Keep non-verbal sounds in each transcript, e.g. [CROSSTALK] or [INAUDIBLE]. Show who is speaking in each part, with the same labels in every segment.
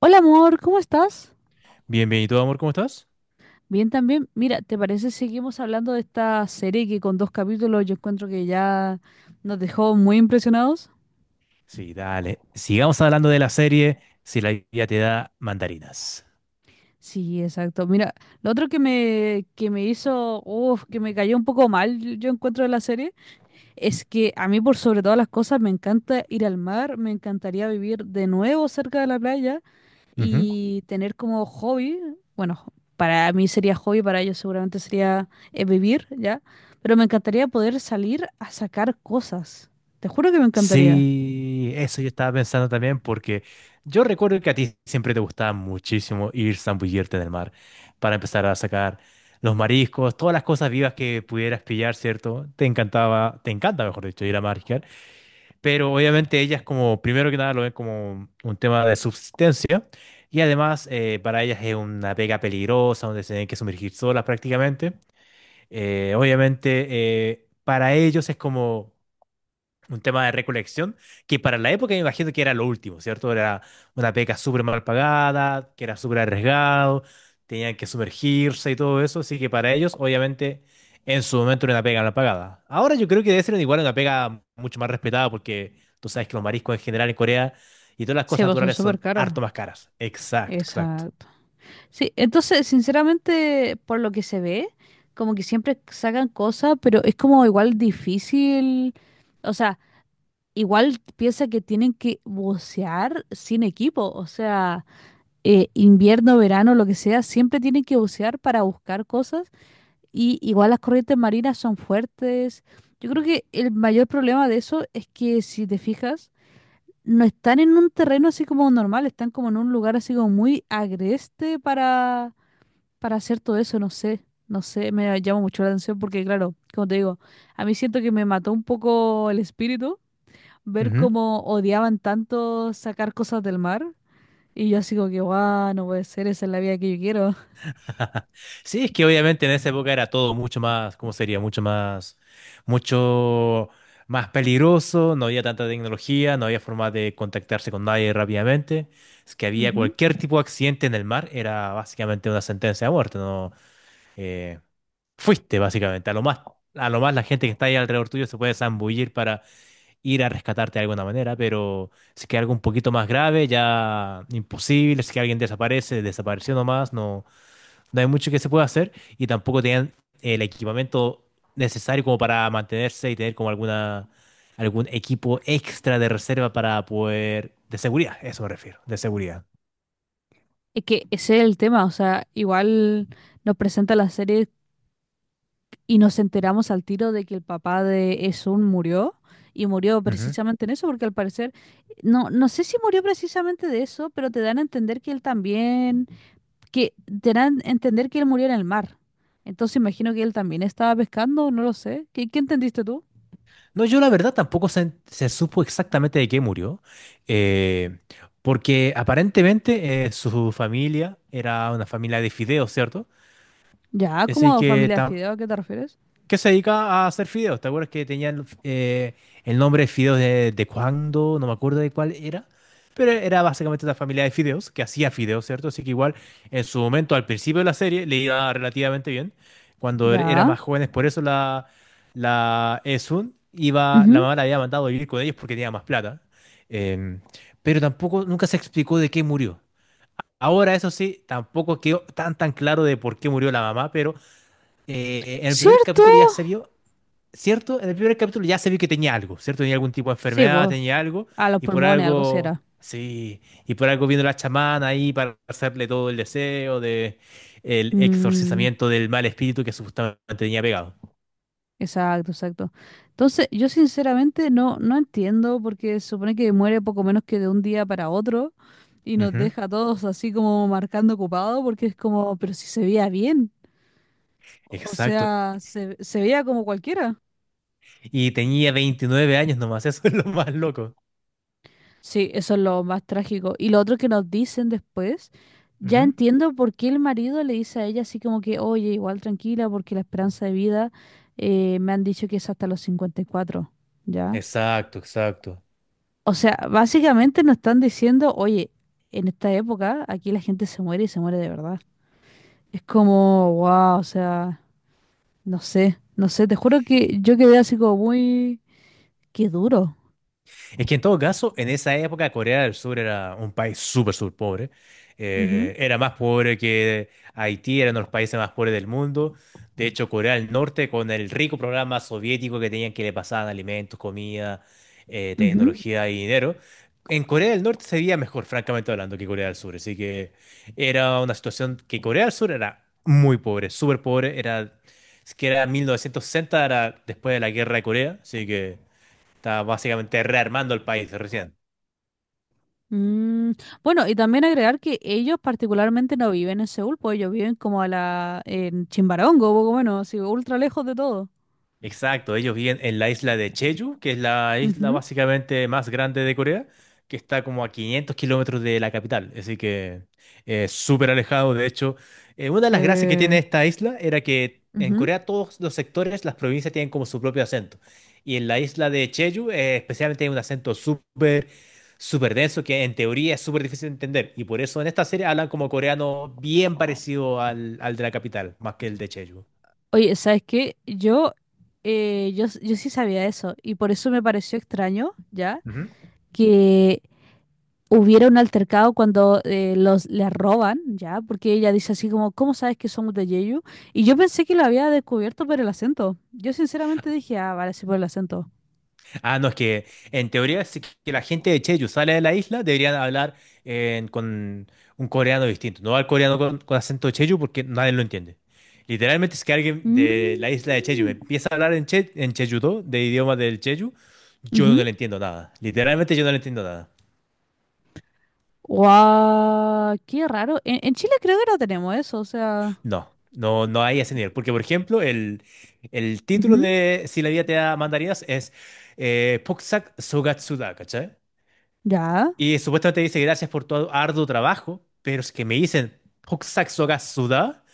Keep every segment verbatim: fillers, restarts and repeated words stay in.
Speaker 1: Hola amor, ¿cómo estás?
Speaker 2: Bienvenido, amor, ¿cómo estás?
Speaker 1: Bien también. Mira, ¿te parece si seguimos hablando de esta serie que con dos capítulos yo encuentro que ya nos dejó muy impresionados?
Speaker 2: Sí, dale. Sigamos hablando de la serie Si la vida te da mandarinas.
Speaker 1: Sí, exacto. Mira, lo otro que me, que me hizo, uf, que me cayó un poco mal, yo yo encuentro de la serie, es que a mí por sobre todas las cosas me encanta ir al mar, me encantaría vivir de nuevo cerca de la playa,
Speaker 2: Ujú.
Speaker 1: y tener como hobby, bueno, para mí sería hobby, para ellos seguramente sería eh, vivir, ¿ya? Pero me encantaría poder salir a sacar cosas. Te juro que me encantaría.
Speaker 2: Sí, eso yo estaba pensando también porque yo recuerdo que a ti siempre te gustaba muchísimo ir zambullirte en el mar para empezar a sacar los mariscos, todas las cosas vivas que pudieras pillar, ¿cierto? Te encantaba, te encanta, mejor dicho, ir a mariscar. Pero obviamente ellas como, primero que nada, lo ven como un tema de subsistencia y además eh, para ellas es una pega peligrosa donde se tienen que sumergir solas prácticamente. Eh, obviamente eh, para ellos es como un tema de recolección, que para la época me imagino que era lo último, ¿cierto? Era una beca súper mal pagada, que era súper arriesgado, tenían que sumergirse y todo eso, así que para ellos, obviamente, en su momento era una pega mal pagada. Ahora yo creo que debe ser igual una pega mucho más respetada, porque tú sabes que los mariscos en general en Corea y todas las
Speaker 1: Sí,
Speaker 2: cosas
Speaker 1: pues son
Speaker 2: naturales
Speaker 1: súper
Speaker 2: son
Speaker 1: caros.
Speaker 2: harto más caras. Exacto, exacto.
Speaker 1: Exacto. Sí, entonces, sinceramente, por lo que se ve, como que siempre sacan cosas, pero es como igual difícil. O sea, igual piensa que tienen que bucear sin equipo. O sea, eh, invierno, verano, lo que sea, siempre tienen que bucear para buscar cosas y igual las corrientes marinas son fuertes. Yo creo que el mayor problema de eso es que si te fijas, no están en un terreno así como normal, están como en un lugar así como muy agreste para, para hacer todo eso, no sé, no sé, me llama mucho la atención porque claro, como te digo, a mí siento que me mató un poco el espíritu ver cómo odiaban tanto sacar cosas del mar y yo así como que, guau, no puede ser, esa es la vida que yo quiero.
Speaker 2: [LAUGHS] Sí, es que obviamente en esa época era todo mucho más, ¿cómo sería? Mucho más, mucho más peligroso, no había tanta tecnología, no había forma de contactarse con nadie rápidamente. Es que había
Speaker 1: Ujú.
Speaker 2: cualquier tipo de accidente en el mar, era básicamente una sentencia de muerte, ¿no? Eh, fuiste básicamente, a lo más, a lo más la gente que está ahí alrededor tuyo se puede zambullir para ir a rescatarte de alguna manera, pero si es que algo un poquito más grave, ya imposible, si es que alguien desaparece, desapareció nomás, no no hay mucho que se pueda hacer y tampoco tenían el equipamiento necesario como para mantenerse y tener como alguna algún equipo extra de reserva para poder de seguridad, eso me refiero, de seguridad.
Speaker 1: Es que ese es el tema, o sea, igual nos presenta la serie y nos enteramos al tiro de que el papá de Esun murió y murió
Speaker 2: Ujú.
Speaker 1: precisamente en eso, porque al parecer, no, no sé si murió precisamente de eso, pero te dan a entender que él también, que te dan a entender que él murió en el mar. Entonces imagino que él también estaba pescando, no lo sé. ¿Qué, qué entendiste tú?
Speaker 2: No, yo la verdad tampoco se, se supo exactamente de qué murió, eh, porque aparentemente eh, su familia era una familia de fideos, ¿cierto?
Speaker 1: Ya,
Speaker 2: Así
Speaker 1: como
Speaker 2: que
Speaker 1: familia de
Speaker 2: tam-
Speaker 1: fideo, ¿a qué te refieres?
Speaker 2: que se dedica a hacer fideos. ¿Te acuerdas que tenían el, eh, el nombre de fideos de, de cuándo? No me acuerdo de cuál era. Pero era básicamente una familia de fideos que hacía fideos, ¿cierto? Así que igual en su momento, al principio de la serie, le iba relativamente bien. Cuando er- era
Speaker 1: Ya.
Speaker 2: más jóvenes, por eso la, la Esun iba, la
Speaker 1: Ujú.
Speaker 2: mamá la había mandado a vivir con ellos porque tenía más plata. Em, pero tampoco, nunca se explicó de qué murió. Ahora, eso sí, tampoco quedó tan tan claro de por qué murió la mamá, pero eh, en el primer
Speaker 1: ¿Cierto?
Speaker 2: capítulo ya se vio, ¿cierto? En el primer capítulo ya se vio que tenía algo, ¿cierto? Tenía algún tipo de
Speaker 1: Sí,
Speaker 2: enfermedad,
Speaker 1: vos,
Speaker 2: tenía algo,
Speaker 1: a los
Speaker 2: y por
Speaker 1: pulmones, algo
Speaker 2: algo,
Speaker 1: será.
Speaker 2: sí, y por algo vino la chamana ahí para hacerle todo el deseo de el
Speaker 1: Mm,
Speaker 2: exorcizamiento del mal espíritu que supuestamente tenía pegado.
Speaker 1: exacto, exacto. Entonces, yo sinceramente no, no entiendo porque se supone que muere poco menos que de un día para otro y nos
Speaker 2: Ujú.
Speaker 1: deja a todos así como marcando ocupado porque es como, pero si se veía bien, o
Speaker 2: Exacto.
Speaker 1: sea, se, se veía como cualquiera.
Speaker 2: Y tenía veintinueve años nomás, [LAUGHS] eso es lo más loco.
Speaker 1: Sí, eso es lo más trágico. Y lo otro que nos dicen después, ya
Speaker 2: Ujú.
Speaker 1: entiendo por qué el marido le dice a ella así como que, oye, igual tranquila, porque la esperanza de vida eh, me han dicho que es hasta los cincuenta y cuatro, ¿ya?
Speaker 2: Exacto, exacto.
Speaker 1: O sea, básicamente nos están diciendo, oye, en esta época aquí la gente se muere y se muere de verdad. Es como, wow, o sea, no sé, no sé, te juro que yo quedé así como muy, qué duro.
Speaker 2: Es que en todo caso, en esa época Corea del Sur era un país súper, súper pobre.
Speaker 1: Ujú,
Speaker 2: Eh, era más pobre que Haití, era uno de los países más pobres del mundo. De hecho, Corea del Norte, con el rico programa soviético que tenían que le pasaban alimentos, comida, eh,
Speaker 1: ujú.
Speaker 2: tecnología y dinero, en Corea del Norte sería mejor, francamente hablando, que Corea del Sur. Así que era una situación que Corea del Sur era muy pobre, súper pobre. Era, es que era mil novecientos sesenta, era después de la guerra de Corea, así que está básicamente rearmando el país recién.
Speaker 1: Mm, bueno, y también agregar que ellos particularmente no viven en Seúl, pues ellos viven como a la, en Chimbarongo, poco bueno, así, ultra lejos de todo.
Speaker 2: Exacto, ellos viven en la isla de Jeju, que es la isla
Speaker 1: Ujú.
Speaker 2: básicamente más grande de Corea, que está como a 500 kilómetros de la capital, así que es súper alejado. De hecho, eh, una de las gracias que tiene
Speaker 1: Sí.
Speaker 2: esta isla era que en
Speaker 1: Ujú.
Speaker 2: Corea todos los sectores, las provincias tienen como su propio acento. Y en la isla de Jeju, eh, especialmente hay un acento súper, súper denso que en teoría es súper difícil de entender. Y por eso en esta serie hablan como coreano bien parecido al, al de la capital, más que el de Jeju.
Speaker 1: Oye, ¿sabes qué? Yo, eh, yo, s- yo sí sabía eso, y por eso me pareció extraño, ¿ya? Que hubiera un altercado cuando eh, los le roban, ¿ya? Porque ella dice así como, ¿cómo sabes que somos de Jeju? Y yo pensé que lo había descubierto por el acento. Yo sinceramente dije, ah, vale, sí por el acento.
Speaker 2: Ah, no, es que en teoría si que la gente de Jeju sale de la isla, deberían hablar en- con un coreano distinto. No al coreano con, con acento de Jeju porque nadie lo entiende. Literalmente, es que alguien de
Speaker 1: Mm,
Speaker 2: la isla de Jeju me empieza a hablar en, che, en Jeju-do, de idioma del Jeju, yo no
Speaker 1: ujú.
Speaker 2: le entiendo nada. Literalmente yo no le entiendo nada.
Speaker 1: Guau, qué raro. En, en Chile creo que no tenemos eso, o sea.
Speaker 2: No, no, no hay ese nivel. Porque, por ejemplo, el, el título
Speaker 1: Ujú.
Speaker 2: de Si la vida te da mandarinas es eh, Poksak Sogatsuda, ¿cachai?
Speaker 1: Ya. [GASPS]
Speaker 2: Y supuestamente dice gracias por tu arduo trabajo, pero es que me dicen Hokusai Soga Suda,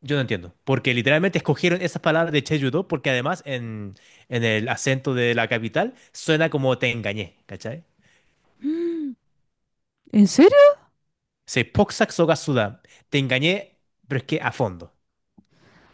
Speaker 2: yo no entiendo. Porque literalmente escogieron esas palabras de Cheju-do porque además en, en, el acento de la capital suena como te engañé, ¿cachai?
Speaker 1: Mm, ¿en serio?
Speaker 2: Se Hokusai Soga Suda, te engañé, pero es que a fondo.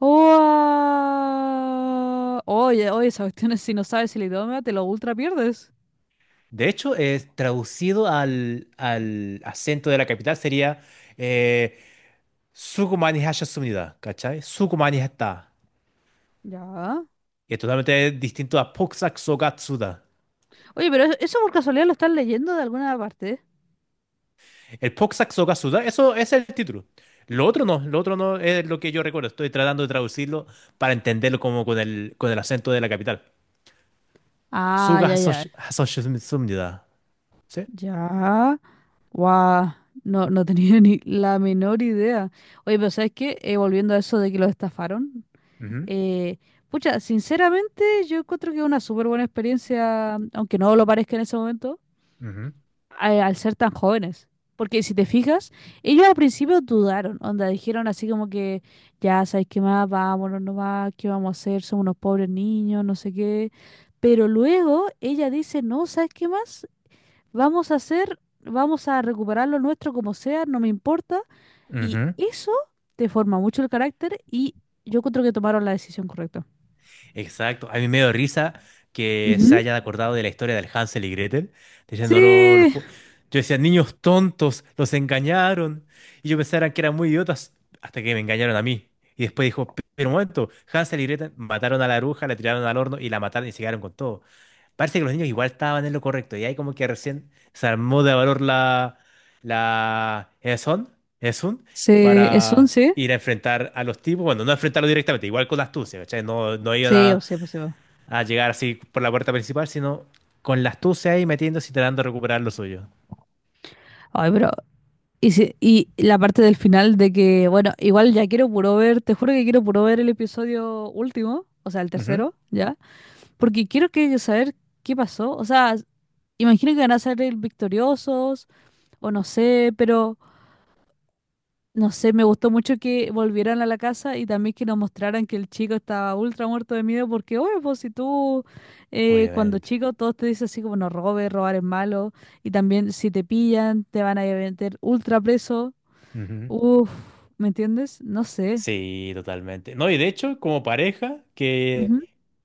Speaker 1: Guau. Oye, oye, esa cuestión es si no sabes el idioma, te lo ultra pierdes.
Speaker 2: De hecho, es traducido al, al acento de la capital sería eh, Sukumani Hashasumida, ¿cachai? Sukumani Hatta.
Speaker 1: Ya.
Speaker 2: Y es totalmente distinto a Hokusai Soga Suda.
Speaker 1: Oye, pero eso eso por casualidad lo están leyendo de alguna parte.
Speaker 2: El Poxac Sokasuda, eso es el título. Lo otro no, lo otro no es lo que yo recuerdo. Estoy tratando de traducirlo para entenderlo como con el, con el acento de la capital.
Speaker 1: Ah,
Speaker 2: Suga
Speaker 1: ya, ya.
Speaker 2: Hasosh- Hasoshimsumnida. ¿Sí?
Speaker 1: Ya. Guau. No, no tenía [LAUGHS] ni la menor idea. Oye, pero ¿sabes qué? Eh, volviendo a eso de que los estafaron.
Speaker 2: Ujú,
Speaker 1: Eh, pucha, sinceramente yo encuentro que es una súper buena experiencia, aunque no lo parezca en ese momento,
Speaker 2: ujú,
Speaker 1: a- al ser tan jóvenes. Porque si te fijas, ellos al principio dudaron, onda, dijeron así como que, ya sabes qué más, vámonos nomás, qué vamos a hacer, somos unos pobres niños, no sé qué. Pero luego ella dice, no, ¿sabes qué más? Vamos a hacer, vamos a recuperar lo nuestro como sea, no me importa. Y
Speaker 2: ujú.
Speaker 1: eso te forma mucho el carácter y yo encuentro que tomaron la decisión correcta.
Speaker 2: Exacto. A mí me dio risa que se
Speaker 1: Ujú.
Speaker 2: hayan acordado de la historia del Hansel y Gretel, diciéndolo los...
Speaker 1: Sí,
Speaker 2: po- Yo decía, niños tontos, los engañaron. Y yo pensaba que eran muy idiotas hasta que me engañaron a mí. Y después dijo, pero un momento, Hansel y Gretel mataron a la bruja, la tiraron al horno y la mataron y se quedaron con todo. Parece que los niños igual estaban en lo correcto. Y ahí como que recién se armó de valor la... la... ¿Es un?
Speaker 1: sí, es
Speaker 2: Para
Speaker 1: once,
Speaker 2: ir a enfrentar a los tipos. Bueno, no enfrentarlos directamente, igual con la astucia, ¿cachai? No, no iban
Speaker 1: sí, o
Speaker 2: a,
Speaker 1: sea, pues sí, po.
Speaker 2: a llegar así por la puerta principal, sino con la astucia ahí metiéndose y tratando de recuperar lo suyo.
Speaker 1: Ay, pero. Y, si- y la parte del final de que, bueno, igual ya quiero puro ver, te juro que quiero puro ver el episodio último, o sea, el
Speaker 2: Ujú.
Speaker 1: tercero, ya, porque quiero que saber qué pasó. O sea, imagino que van a salir victoriosos, o no sé, pero. No sé, me gustó mucho que volvieran a la casa y también que nos mostraran que el chico estaba ultra muerto de miedo porque, oye, pues si tú eh, cuando
Speaker 2: Obviamente.
Speaker 1: chico todos te dicen así como no robes, robar es malo y también si te pillan te van a meter ultra preso.
Speaker 2: Ujú.
Speaker 1: Uf, ¿me entiendes? No sé.
Speaker 2: Sí, totalmente. No, y de hecho, como pareja que,
Speaker 1: Ujú.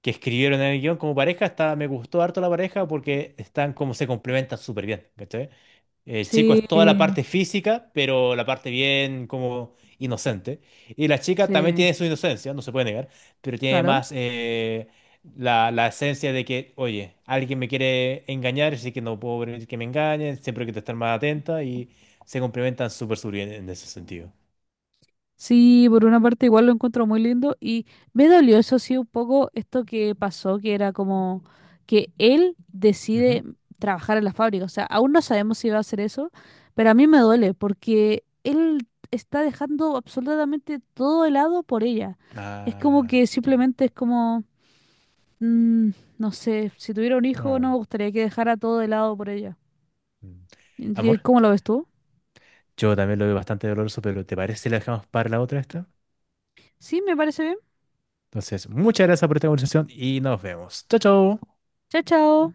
Speaker 2: que escribieron en el guión, como pareja, está, me gustó harto la pareja porque están como se complementan súper bien, ¿cachai? El chico
Speaker 1: Sí,
Speaker 2: es toda la parte física, pero la parte bien como inocente. Y la chica también
Speaker 1: sí,
Speaker 2: tiene su inocencia, no se puede negar, pero tiene
Speaker 1: claro.
Speaker 2: más eh, la, la esencia de que, oye, alguien me quiere engañar, así que no puedo permitir que me engañen, siempre hay que estar más atenta y se complementan súper súper bien en ese sentido.
Speaker 1: Sí, por una parte igual lo encuentro muy lindo y me dolió eso sí un poco esto que pasó, que era como que él decide trabajar en la fábrica, o sea, aún no sabemos si va a hacer eso, pero a mí me duele porque él está dejando absolutamente todo helado por ella. Es como
Speaker 2: Ah,
Speaker 1: que
Speaker 2: sí.
Speaker 1: simplemente es como, mm, no sé, si tuviera un hijo no
Speaker 2: No.
Speaker 1: me gustaría que dejara todo helado por ella.
Speaker 2: Mm.
Speaker 1: ¿Qué-
Speaker 2: Amor,
Speaker 1: ¿Cómo lo ves tú?
Speaker 2: yo también lo veo bastante doloroso, pero ¿te parece si la dejamos para la otra esta?
Speaker 1: Sí, me parece bien.
Speaker 2: Entonces, muchas gracias por esta conversación y nos vemos. Chao, chao.
Speaker 1: Chao, chao.